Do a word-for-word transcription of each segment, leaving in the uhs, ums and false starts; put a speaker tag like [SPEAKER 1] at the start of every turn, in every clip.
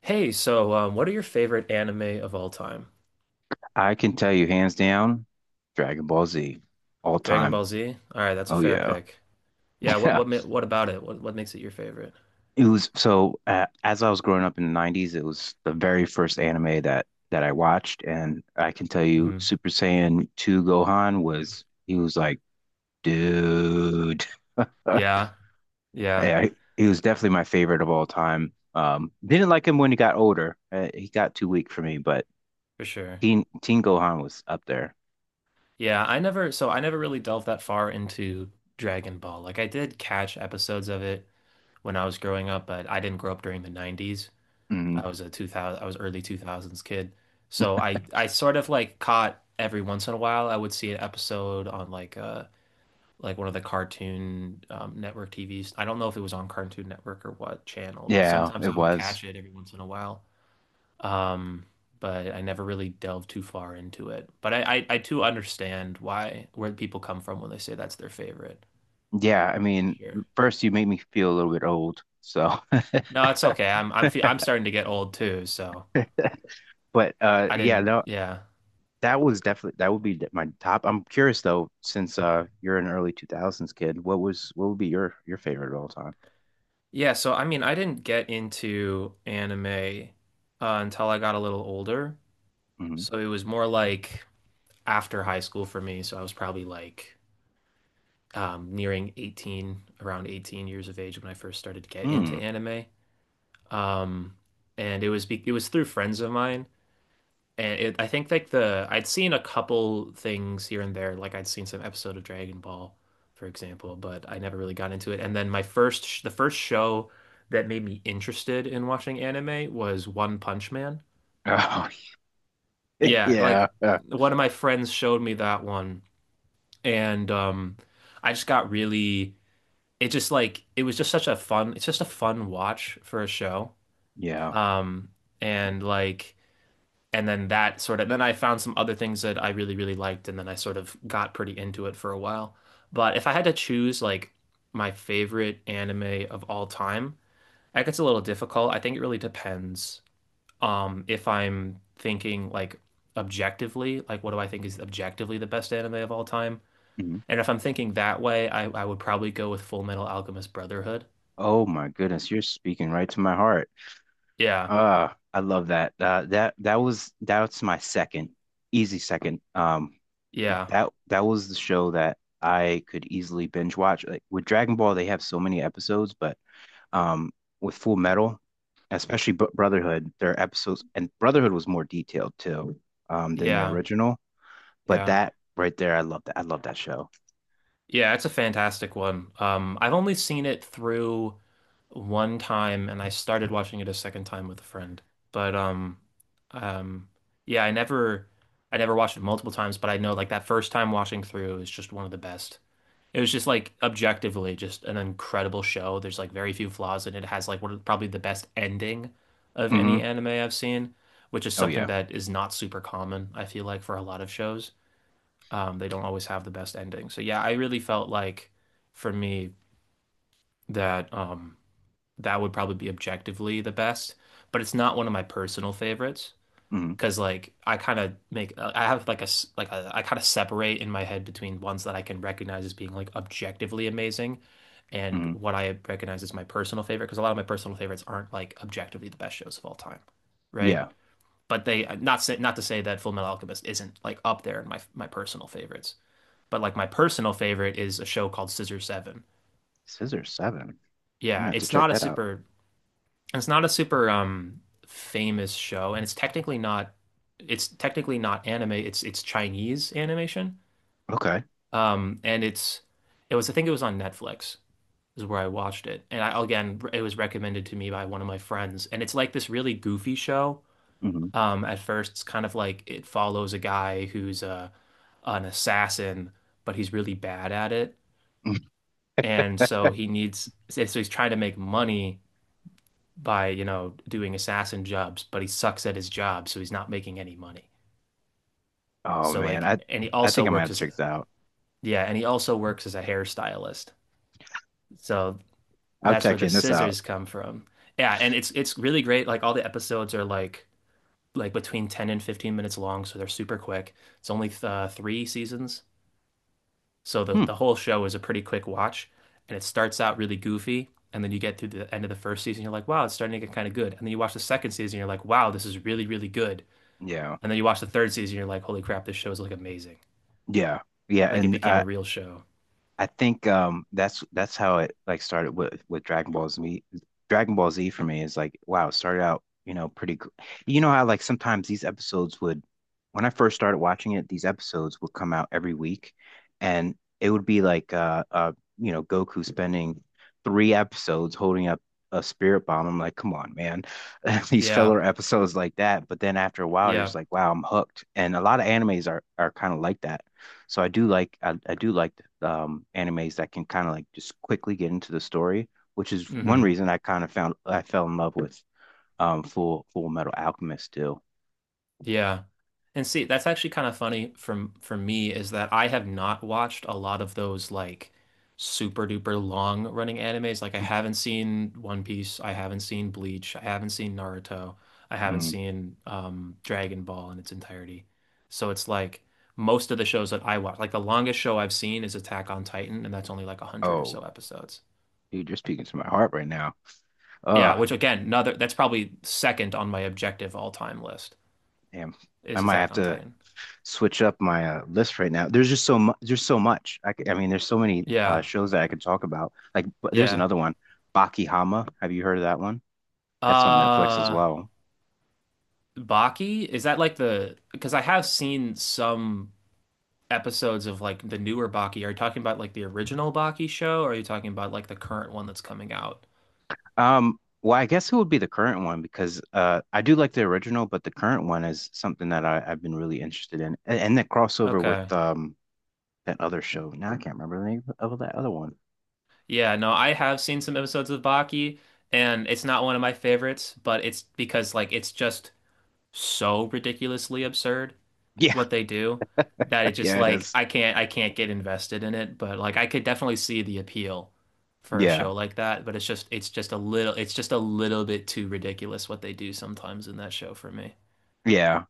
[SPEAKER 1] Hey, so um, what are your favorite anime of all time?
[SPEAKER 2] I can tell you hands down, Dragon Ball Z, all
[SPEAKER 1] Dragon
[SPEAKER 2] time.
[SPEAKER 1] Ball Z? All right, that's a
[SPEAKER 2] Oh
[SPEAKER 1] fair
[SPEAKER 2] yeah.
[SPEAKER 1] pick. Yeah, what
[SPEAKER 2] Yeah.
[SPEAKER 1] what ma- what about it? What what makes it your favorite?
[SPEAKER 2] It was so uh, as I was growing up in the nineties, it was the very first anime that that I watched and I can tell you
[SPEAKER 1] Hmm.
[SPEAKER 2] Super Saiyan two Gohan was he was like, dude.
[SPEAKER 1] Yeah, yeah,
[SPEAKER 2] Yeah, he was definitely my favorite of all time. Um didn't like him when he got older. Uh, he got too weak for me, but
[SPEAKER 1] for sure.
[SPEAKER 2] Teen Teen Gohan was up there.
[SPEAKER 1] Yeah, I never so I never really delved that far into Dragon Ball. Like I did catch episodes of it when I was growing up, but I didn't grow up during the nineties.
[SPEAKER 2] Hmm.
[SPEAKER 1] I was a two thousand I was early two thousands kid. So I I sort of like caught every once in a while I would see an episode on like uh like one of the cartoon um, network T Vs. I don't know if it was on Cartoon Network or what channel, but
[SPEAKER 2] Yeah,
[SPEAKER 1] sometimes
[SPEAKER 2] it
[SPEAKER 1] I would
[SPEAKER 2] was.
[SPEAKER 1] catch it every once in a while. Um, but I never really delved too far into it. But I, I, I too understand why where people come from when they say that's their favorite.
[SPEAKER 2] Yeah, I
[SPEAKER 1] For
[SPEAKER 2] mean,
[SPEAKER 1] sure.
[SPEAKER 2] first you made me feel a little bit old, so
[SPEAKER 1] No, it's okay. I'm I'm fe- I'm starting to get old too, so
[SPEAKER 2] but uh
[SPEAKER 1] I
[SPEAKER 2] yeah,
[SPEAKER 1] didn't.
[SPEAKER 2] no,
[SPEAKER 1] Yeah,
[SPEAKER 2] that was definitely, that would be th- my top. I'm curious though, since uh you're an early two thousands kid, what was what would be your your favorite of all time?
[SPEAKER 1] yeah. So I mean, I didn't get into anime uh, until I got a little older.
[SPEAKER 2] Mm-hmm.
[SPEAKER 1] So it was more like after high school for me. So I was probably like um, nearing eighteen, around eighteen years of age when I first started to get
[SPEAKER 2] Hmm.
[SPEAKER 1] into
[SPEAKER 2] Mm.
[SPEAKER 1] anime. Um, and it was be it was through friends of mine. And it, I think like the I'd seen a couple things here and there, like I'd seen some episode of Dragon Ball, for example, but I never really got into it. And then my first sh- the first show that made me interested in watching anime was One Punch Man.
[SPEAKER 2] Oh,
[SPEAKER 1] Yeah,
[SPEAKER 2] yeah.
[SPEAKER 1] like
[SPEAKER 2] uh,
[SPEAKER 1] one of my friends showed me that one, and um, I just got really it just like it was just such a fun it's just a fun watch for a show
[SPEAKER 2] Yeah.
[SPEAKER 1] um and like and then that sort of then I found some other things that I really really liked and then I sort of got pretty into it for a while but if I had to choose like my favorite anime of all time that gets a little difficult. I think it really depends. um if I'm thinking like objectively, like what do I think is objectively the best anime of all time,
[SPEAKER 2] Mhm.
[SPEAKER 1] and if I'm thinking that way, I, I would probably go with Full Metal Alchemist Brotherhood.
[SPEAKER 2] Oh my goodness, you're speaking right to my heart.
[SPEAKER 1] Yeah.
[SPEAKER 2] Uh, I love that. Uh, that that was that's my second, easy second. Um,
[SPEAKER 1] Yeah,
[SPEAKER 2] that that was the show that I could easily binge watch. Like with Dragon Ball, they have so many episodes, but um, with Full Metal, especially Br- Brotherhood, their episodes and Brotherhood was more detailed too, um, than their
[SPEAKER 1] yeah,
[SPEAKER 2] original. But
[SPEAKER 1] yeah.
[SPEAKER 2] that right there, I love that. I love that show.
[SPEAKER 1] Yeah, it's a fantastic one. Um, I've only seen it through one time and I started watching it a second time with a friend. But um um yeah, I never I never watched it multiple times, but I know like that first time watching through is just one of the best. It was just like objectively just an incredible show. There's like very few flaws and it has like one of probably the best ending of
[SPEAKER 2] Hmm.
[SPEAKER 1] any anime I've seen, which is
[SPEAKER 2] Oh
[SPEAKER 1] something
[SPEAKER 2] yeah.
[SPEAKER 1] that is not super common, I feel like, for a lot of shows. um, they don't always have the best ending. So yeah, I really felt like for me that um, that would probably be objectively the best, but it's not one of my personal favorites
[SPEAKER 2] Hmm.
[SPEAKER 1] because like I kind of make uh, I have like a like a, I kind of separate in my head between ones that I can recognize as being like objectively amazing and
[SPEAKER 2] Hmm.
[SPEAKER 1] what I recognize as my personal favorite, because a lot of my personal favorites aren't like objectively the best shows of all time, right?
[SPEAKER 2] Yeah.
[SPEAKER 1] But they uh, not say, not to say that Full Metal Alchemist isn't like up there in my my personal favorites, but like my personal favorite is a show called Scissor Seven.
[SPEAKER 2] Scissor Seven. I'm gonna
[SPEAKER 1] Yeah,
[SPEAKER 2] have to
[SPEAKER 1] it's
[SPEAKER 2] check
[SPEAKER 1] not a
[SPEAKER 2] that out.
[SPEAKER 1] super it's not a super um famous show, and it's technically not it's technically not anime, it's it's Chinese animation.
[SPEAKER 2] Okay.
[SPEAKER 1] Um and it's it was I think it was on Netflix is where I watched it. And I, again, it was recommended to me by one of my friends. And it's like this really goofy show.
[SPEAKER 2] Hmm.
[SPEAKER 1] Um, at first, it's kind of like it follows a guy who's a an assassin, but he's really bad at it. And so he needs, so he's trying to make money by, you know, doing assassin jobs, but he sucks at his job, so he's not making any money.
[SPEAKER 2] Oh
[SPEAKER 1] So
[SPEAKER 2] man,
[SPEAKER 1] like,
[SPEAKER 2] I
[SPEAKER 1] and he
[SPEAKER 2] I
[SPEAKER 1] also
[SPEAKER 2] think I might
[SPEAKER 1] works
[SPEAKER 2] have to
[SPEAKER 1] as,
[SPEAKER 2] check this out.
[SPEAKER 1] yeah, and he also works as a hairstylist. So
[SPEAKER 2] I'm
[SPEAKER 1] that's where the
[SPEAKER 2] checking this out.
[SPEAKER 1] scissors come from. Yeah, and it's it's really great. Like all the episodes are like like between ten and fifteen minutes long, so they're super quick. It's only uh, three seasons. So the
[SPEAKER 2] Hmm.
[SPEAKER 1] the whole show is a pretty quick watch, and it starts out really goofy, and then you get through the end of the first season, you're like, wow, it's starting to get kind of good. And then you watch the second season, you're like, wow, this is really, really good.
[SPEAKER 2] Yeah.
[SPEAKER 1] And then you watch the third season, you're like, holy crap, this show is like amazing.
[SPEAKER 2] Yeah. Yeah.
[SPEAKER 1] Like it
[SPEAKER 2] And
[SPEAKER 1] became a
[SPEAKER 2] uh,
[SPEAKER 1] real show.
[SPEAKER 2] I think um that's that's how it like started with with Dragon Ball Z. Dragon Ball Z for me is like wow, it started out, you know, pretty. gr- You know how like sometimes these episodes would when I first started watching it, these episodes would come out every week and it would be like uh uh you know, Goku spending three episodes holding up a spirit bomb. I'm like, come on, man. These
[SPEAKER 1] Yeah,
[SPEAKER 2] filler episodes like that. But then after a while, you're
[SPEAKER 1] yeah.
[SPEAKER 2] just like, wow, I'm hooked. And a lot of animes are are kind of like that. So I do like I, I do like um, animes that can kind of like just quickly get into the story, which is one
[SPEAKER 1] Hmm.
[SPEAKER 2] reason I kind of found I fell in love with um, Full Full Metal Alchemist too.
[SPEAKER 1] Yeah. And see, that's actually kind of funny from for me is that I have not watched a lot of those like super duper long running animes. Like I haven't seen One Piece, I haven't seen Bleach, I haven't seen Naruto, I haven't
[SPEAKER 2] Mm.
[SPEAKER 1] seen um Dragon Ball in its entirety. So it's like most of the shows that I watch, like the longest show I've seen is Attack on Titan, and that's only like a hundred or so
[SPEAKER 2] Oh,
[SPEAKER 1] episodes.
[SPEAKER 2] dude, you're speaking to my heart right now.
[SPEAKER 1] Yeah,
[SPEAKER 2] Oh,
[SPEAKER 1] which again, another that's probably second on my objective all-time list
[SPEAKER 2] damn. I
[SPEAKER 1] is
[SPEAKER 2] might
[SPEAKER 1] Attack
[SPEAKER 2] have
[SPEAKER 1] on
[SPEAKER 2] to
[SPEAKER 1] Titan.
[SPEAKER 2] switch up my uh, list right now. There's just so much. There's so much. I, could, I mean, there's so many uh,
[SPEAKER 1] Yeah.
[SPEAKER 2] shows that I could talk about. Like, but there's
[SPEAKER 1] Yeah.
[SPEAKER 2] another one, Baki Hama. Have you heard of that one? That's on Netflix as
[SPEAKER 1] Uh,
[SPEAKER 2] well.
[SPEAKER 1] Baki? Is that like the, because I have seen some episodes of like the newer Baki. Are you talking about like the original Baki show or are you talking about like the current one that's coming out?
[SPEAKER 2] Um, well, I guess it would be the current one because uh, I do like the original, but the current one is something that I, I've been really interested in, and, and the crossover with
[SPEAKER 1] Okay.
[SPEAKER 2] um that other show. Now I can't remember the name of that other one.
[SPEAKER 1] Yeah, no, I have seen some episodes of Baki and it's not one of my favorites, but it's because like it's just so ridiculously absurd
[SPEAKER 2] Yeah,
[SPEAKER 1] what they do. That it just
[SPEAKER 2] yeah, it
[SPEAKER 1] like
[SPEAKER 2] is.
[SPEAKER 1] I can't I can't get invested in it, but like I could definitely see the appeal for a show
[SPEAKER 2] Yeah,
[SPEAKER 1] like that, but it's just it's just a little it's just a little bit too ridiculous what they do sometimes in that show for me.
[SPEAKER 2] yeah.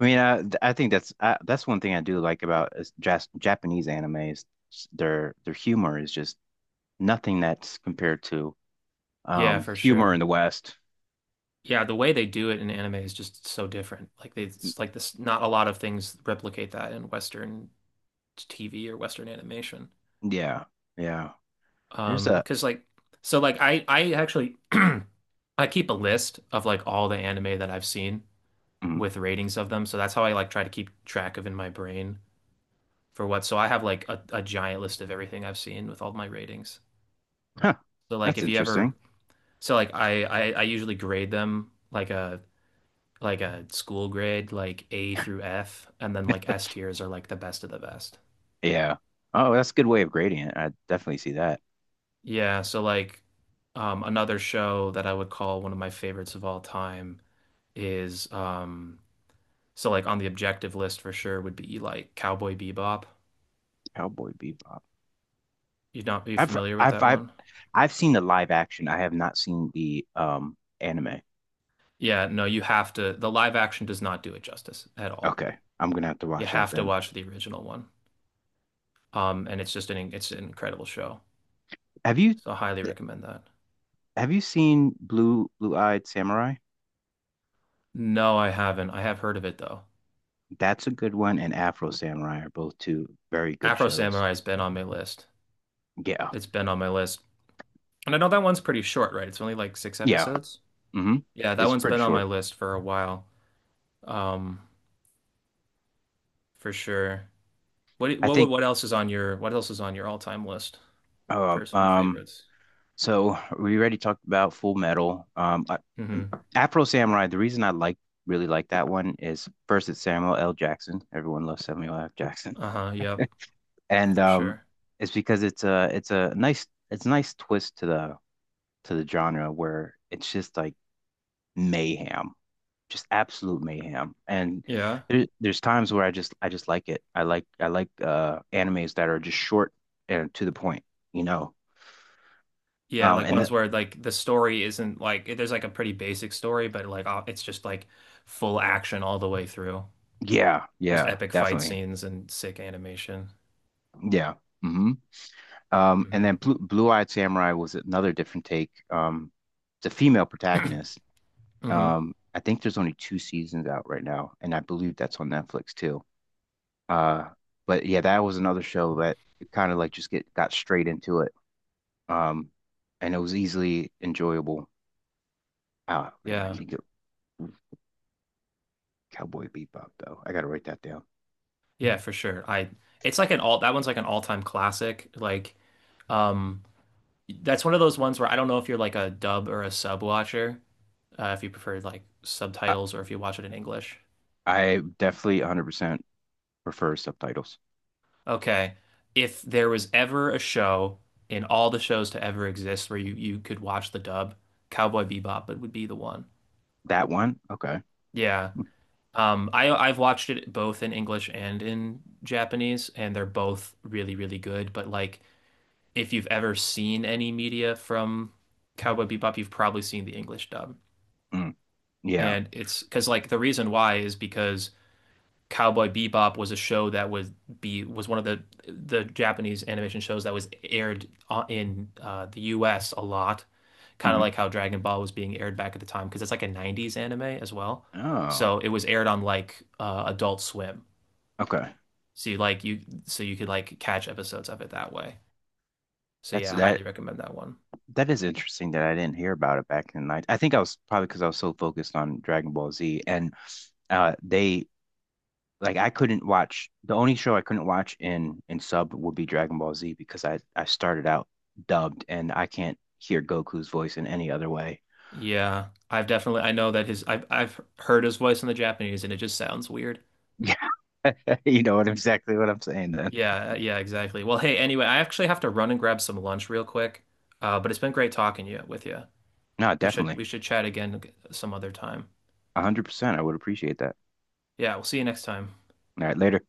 [SPEAKER 2] I mean, I I think that's I, that's one thing I do like about is jas Japanese anime is their their humor is just nothing that's compared to
[SPEAKER 1] Yeah,
[SPEAKER 2] um
[SPEAKER 1] for
[SPEAKER 2] humor in
[SPEAKER 1] sure.
[SPEAKER 2] the West.
[SPEAKER 1] Yeah, the way they do it in anime is just so different. Like they it's like this not a lot of things replicate that in Western T V or Western animation.
[SPEAKER 2] Yeah, yeah. There's
[SPEAKER 1] Um,
[SPEAKER 2] a.
[SPEAKER 1] 'cause like so like I I actually I keep a list of like all the anime that I've seen
[SPEAKER 2] Mm.
[SPEAKER 1] with ratings of them. So that's how I like try to keep track of in my brain for what. So I have like a, a giant list of everything I've seen with all my ratings.
[SPEAKER 2] Huh.
[SPEAKER 1] So like
[SPEAKER 2] That's
[SPEAKER 1] if you ever,
[SPEAKER 2] interesting.
[SPEAKER 1] so like I, I I usually grade them like a like a school grade, like A through F, and then like S tiers are like the best of the best.
[SPEAKER 2] Yeah. Oh, that's a good way of grading it. I definitely see that.
[SPEAKER 1] Yeah, so like um another show that I would call one of my favorites of all time is um so like on the objective list for sure would be like Cowboy Bebop.
[SPEAKER 2] Cowboy Bebop.
[SPEAKER 1] You would not be
[SPEAKER 2] I've
[SPEAKER 1] familiar with
[SPEAKER 2] I've
[SPEAKER 1] that
[SPEAKER 2] I've
[SPEAKER 1] one?
[SPEAKER 2] I've seen the live action. I have not seen the um anime.
[SPEAKER 1] Yeah, no, you have to. The live action does not do it justice at all.
[SPEAKER 2] Okay. I'm gonna have to
[SPEAKER 1] You
[SPEAKER 2] watch that
[SPEAKER 1] have to
[SPEAKER 2] then.
[SPEAKER 1] watch the original one. Um, and it's just an it's an incredible show.
[SPEAKER 2] Have you
[SPEAKER 1] So I highly recommend that.
[SPEAKER 2] have you seen Blue Blue Eyed Samurai?
[SPEAKER 1] No, I haven't. I have heard of it though.
[SPEAKER 2] That's a good one, and Afro Samurai are both two very good
[SPEAKER 1] Afro
[SPEAKER 2] shows.
[SPEAKER 1] Samurai has been on my list.
[SPEAKER 2] Yeah.
[SPEAKER 1] It's been on my list. And I know that one's pretty short, right? It's only like six
[SPEAKER 2] Yeah.
[SPEAKER 1] episodes.
[SPEAKER 2] Hmm.
[SPEAKER 1] Yeah, that
[SPEAKER 2] It's
[SPEAKER 1] one's
[SPEAKER 2] pretty
[SPEAKER 1] been on my
[SPEAKER 2] short.
[SPEAKER 1] list for a while. Um, for sure. What
[SPEAKER 2] I
[SPEAKER 1] what
[SPEAKER 2] think
[SPEAKER 1] what else is on your what else is on your all-time list?
[SPEAKER 2] uh,
[SPEAKER 1] Personal
[SPEAKER 2] um
[SPEAKER 1] favorites.
[SPEAKER 2] so we already talked about Full Metal. Um, I, um,
[SPEAKER 1] Mm-hmm.
[SPEAKER 2] Afro Samurai. The reason I like really like that one is first it's Samuel L. Jackson. Everyone loves Samuel L. Jackson,
[SPEAKER 1] Uh-huh, yep,
[SPEAKER 2] and
[SPEAKER 1] for
[SPEAKER 2] um,
[SPEAKER 1] sure.
[SPEAKER 2] it's because it's a it's a nice it's a nice twist to the to the genre where it's just like mayhem, just absolute mayhem. And
[SPEAKER 1] Yeah.
[SPEAKER 2] there, there's times where I just I just like it. I like I like uh, animes that are just short and to the point, you know.
[SPEAKER 1] Yeah,
[SPEAKER 2] Um,
[SPEAKER 1] like
[SPEAKER 2] and th-
[SPEAKER 1] ones where like the story isn't like there's like a pretty basic story, but like uh, it's just like full action all the way through.
[SPEAKER 2] yeah,
[SPEAKER 1] Just
[SPEAKER 2] yeah,
[SPEAKER 1] epic fight
[SPEAKER 2] definitely.
[SPEAKER 1] scenes and sick animation.
[SPEAKER 2] Yeah. Hmm. Um, and
[SPEAKER 1] Hmm.
[SPEAKER 2] then Blue, Blue-Eyed Samurai was another different take. Um, it's a female protagonist.
[SPEAKER 1] Hmm.
[SPEAKER 2] Um, I think there's only two seasons out right now, and I believe that's on Netflix too. Uh, but yeah, that was another show that kind of like just get got straight into it. Um, and it was easily enjoyable. Oh man, I
[SPEAKER 1] Yeah.
[SPEAKER 2] can't get Cowboy Bebop though. I gotta write that down.
[SPEAKER 1] Yeah, for sure. I it's like an all that one's like an all-time classic. Like um that's one of those ones where I don't know if you're like a dub or a sub watcher, uh, if you prefer like
[SPEAKER 2] I,
[SPEAKER 1] subtitles or if you watch it in English.
[SPEAKER 2] I definitely one hundred percent prefer subtitles.
[SPEAKER 1] Okay. If there was ever a show in all the shows to ever exist where you, you could watch the dub, Cowboy Bebop it would be the one.
[SPEAKER 2] That one? Okay.
[SPEAKER 1] Yeah. Um, I I've watched it both in English and in Japanese, and they're both really, really good. But like if you've ever seen any media from Cowboy Bebop, you've probably seen the English dub.
[SPEAKER 2] Mm, yeah.
[SPEAKER 1] And it's because like the reason why is because Cowboy Bebop was a show that would be was one of the the Japanese animation shows that was aired on- in uh, the U S a lot, kind of
[SPEAKER 2] Hmm.
[SPEAKER 1] like how Dragon Ball was being aired back at the time because it's like a nineties anime as well.
[SPEAKER 2] Oh,
[SPEAKER 1] So it was aired on like uh, Adult Swim.
[SPEAKER 2] okay.
[SPEAKER 1] So you like you so you could like catch episodes of it that way. So
[SPEAKER 2] That's
[SPEAKER 1] yeah, highly
[SPEAKER 2] that.
[SPEAKER 1] recommend that one.
[SPEAKER 2] That is interesting that I didn't hear about it back in the night. I think I was probably because I was so focused on Dragon Ball Z, and uh, they like, I couldn't watch, the only show I couldn't watch in in sub would be Dragon Ball Z because I I started out dubbed and I can't hear Goku's voice in any other way.
[SPEAKER 1] Yeah, I've definitely I know that his I've I've heard his voice in the Japanese and it just sounds weird.
[SPEAKER 2] Yeah, you know what exactly what I'm saying then.
[SPEAKER 1] Yeah, yeah, exactly. Well, hey, anyway, I actually have to run and grab some lunch real quick. Uh, but it's been great talking to you with you.
[SPEAKER 2] No,
[SPEAKER 1] We should
[SPEAKER 2] definitely.
[SPEAKER 1] we should chat again some other time.
[SPEAKER 2] one hundred percent. I would appreciate that.
[SPEAKER 1] Yeah, we'll see you next time.
[SPEAKER 2] All right, later.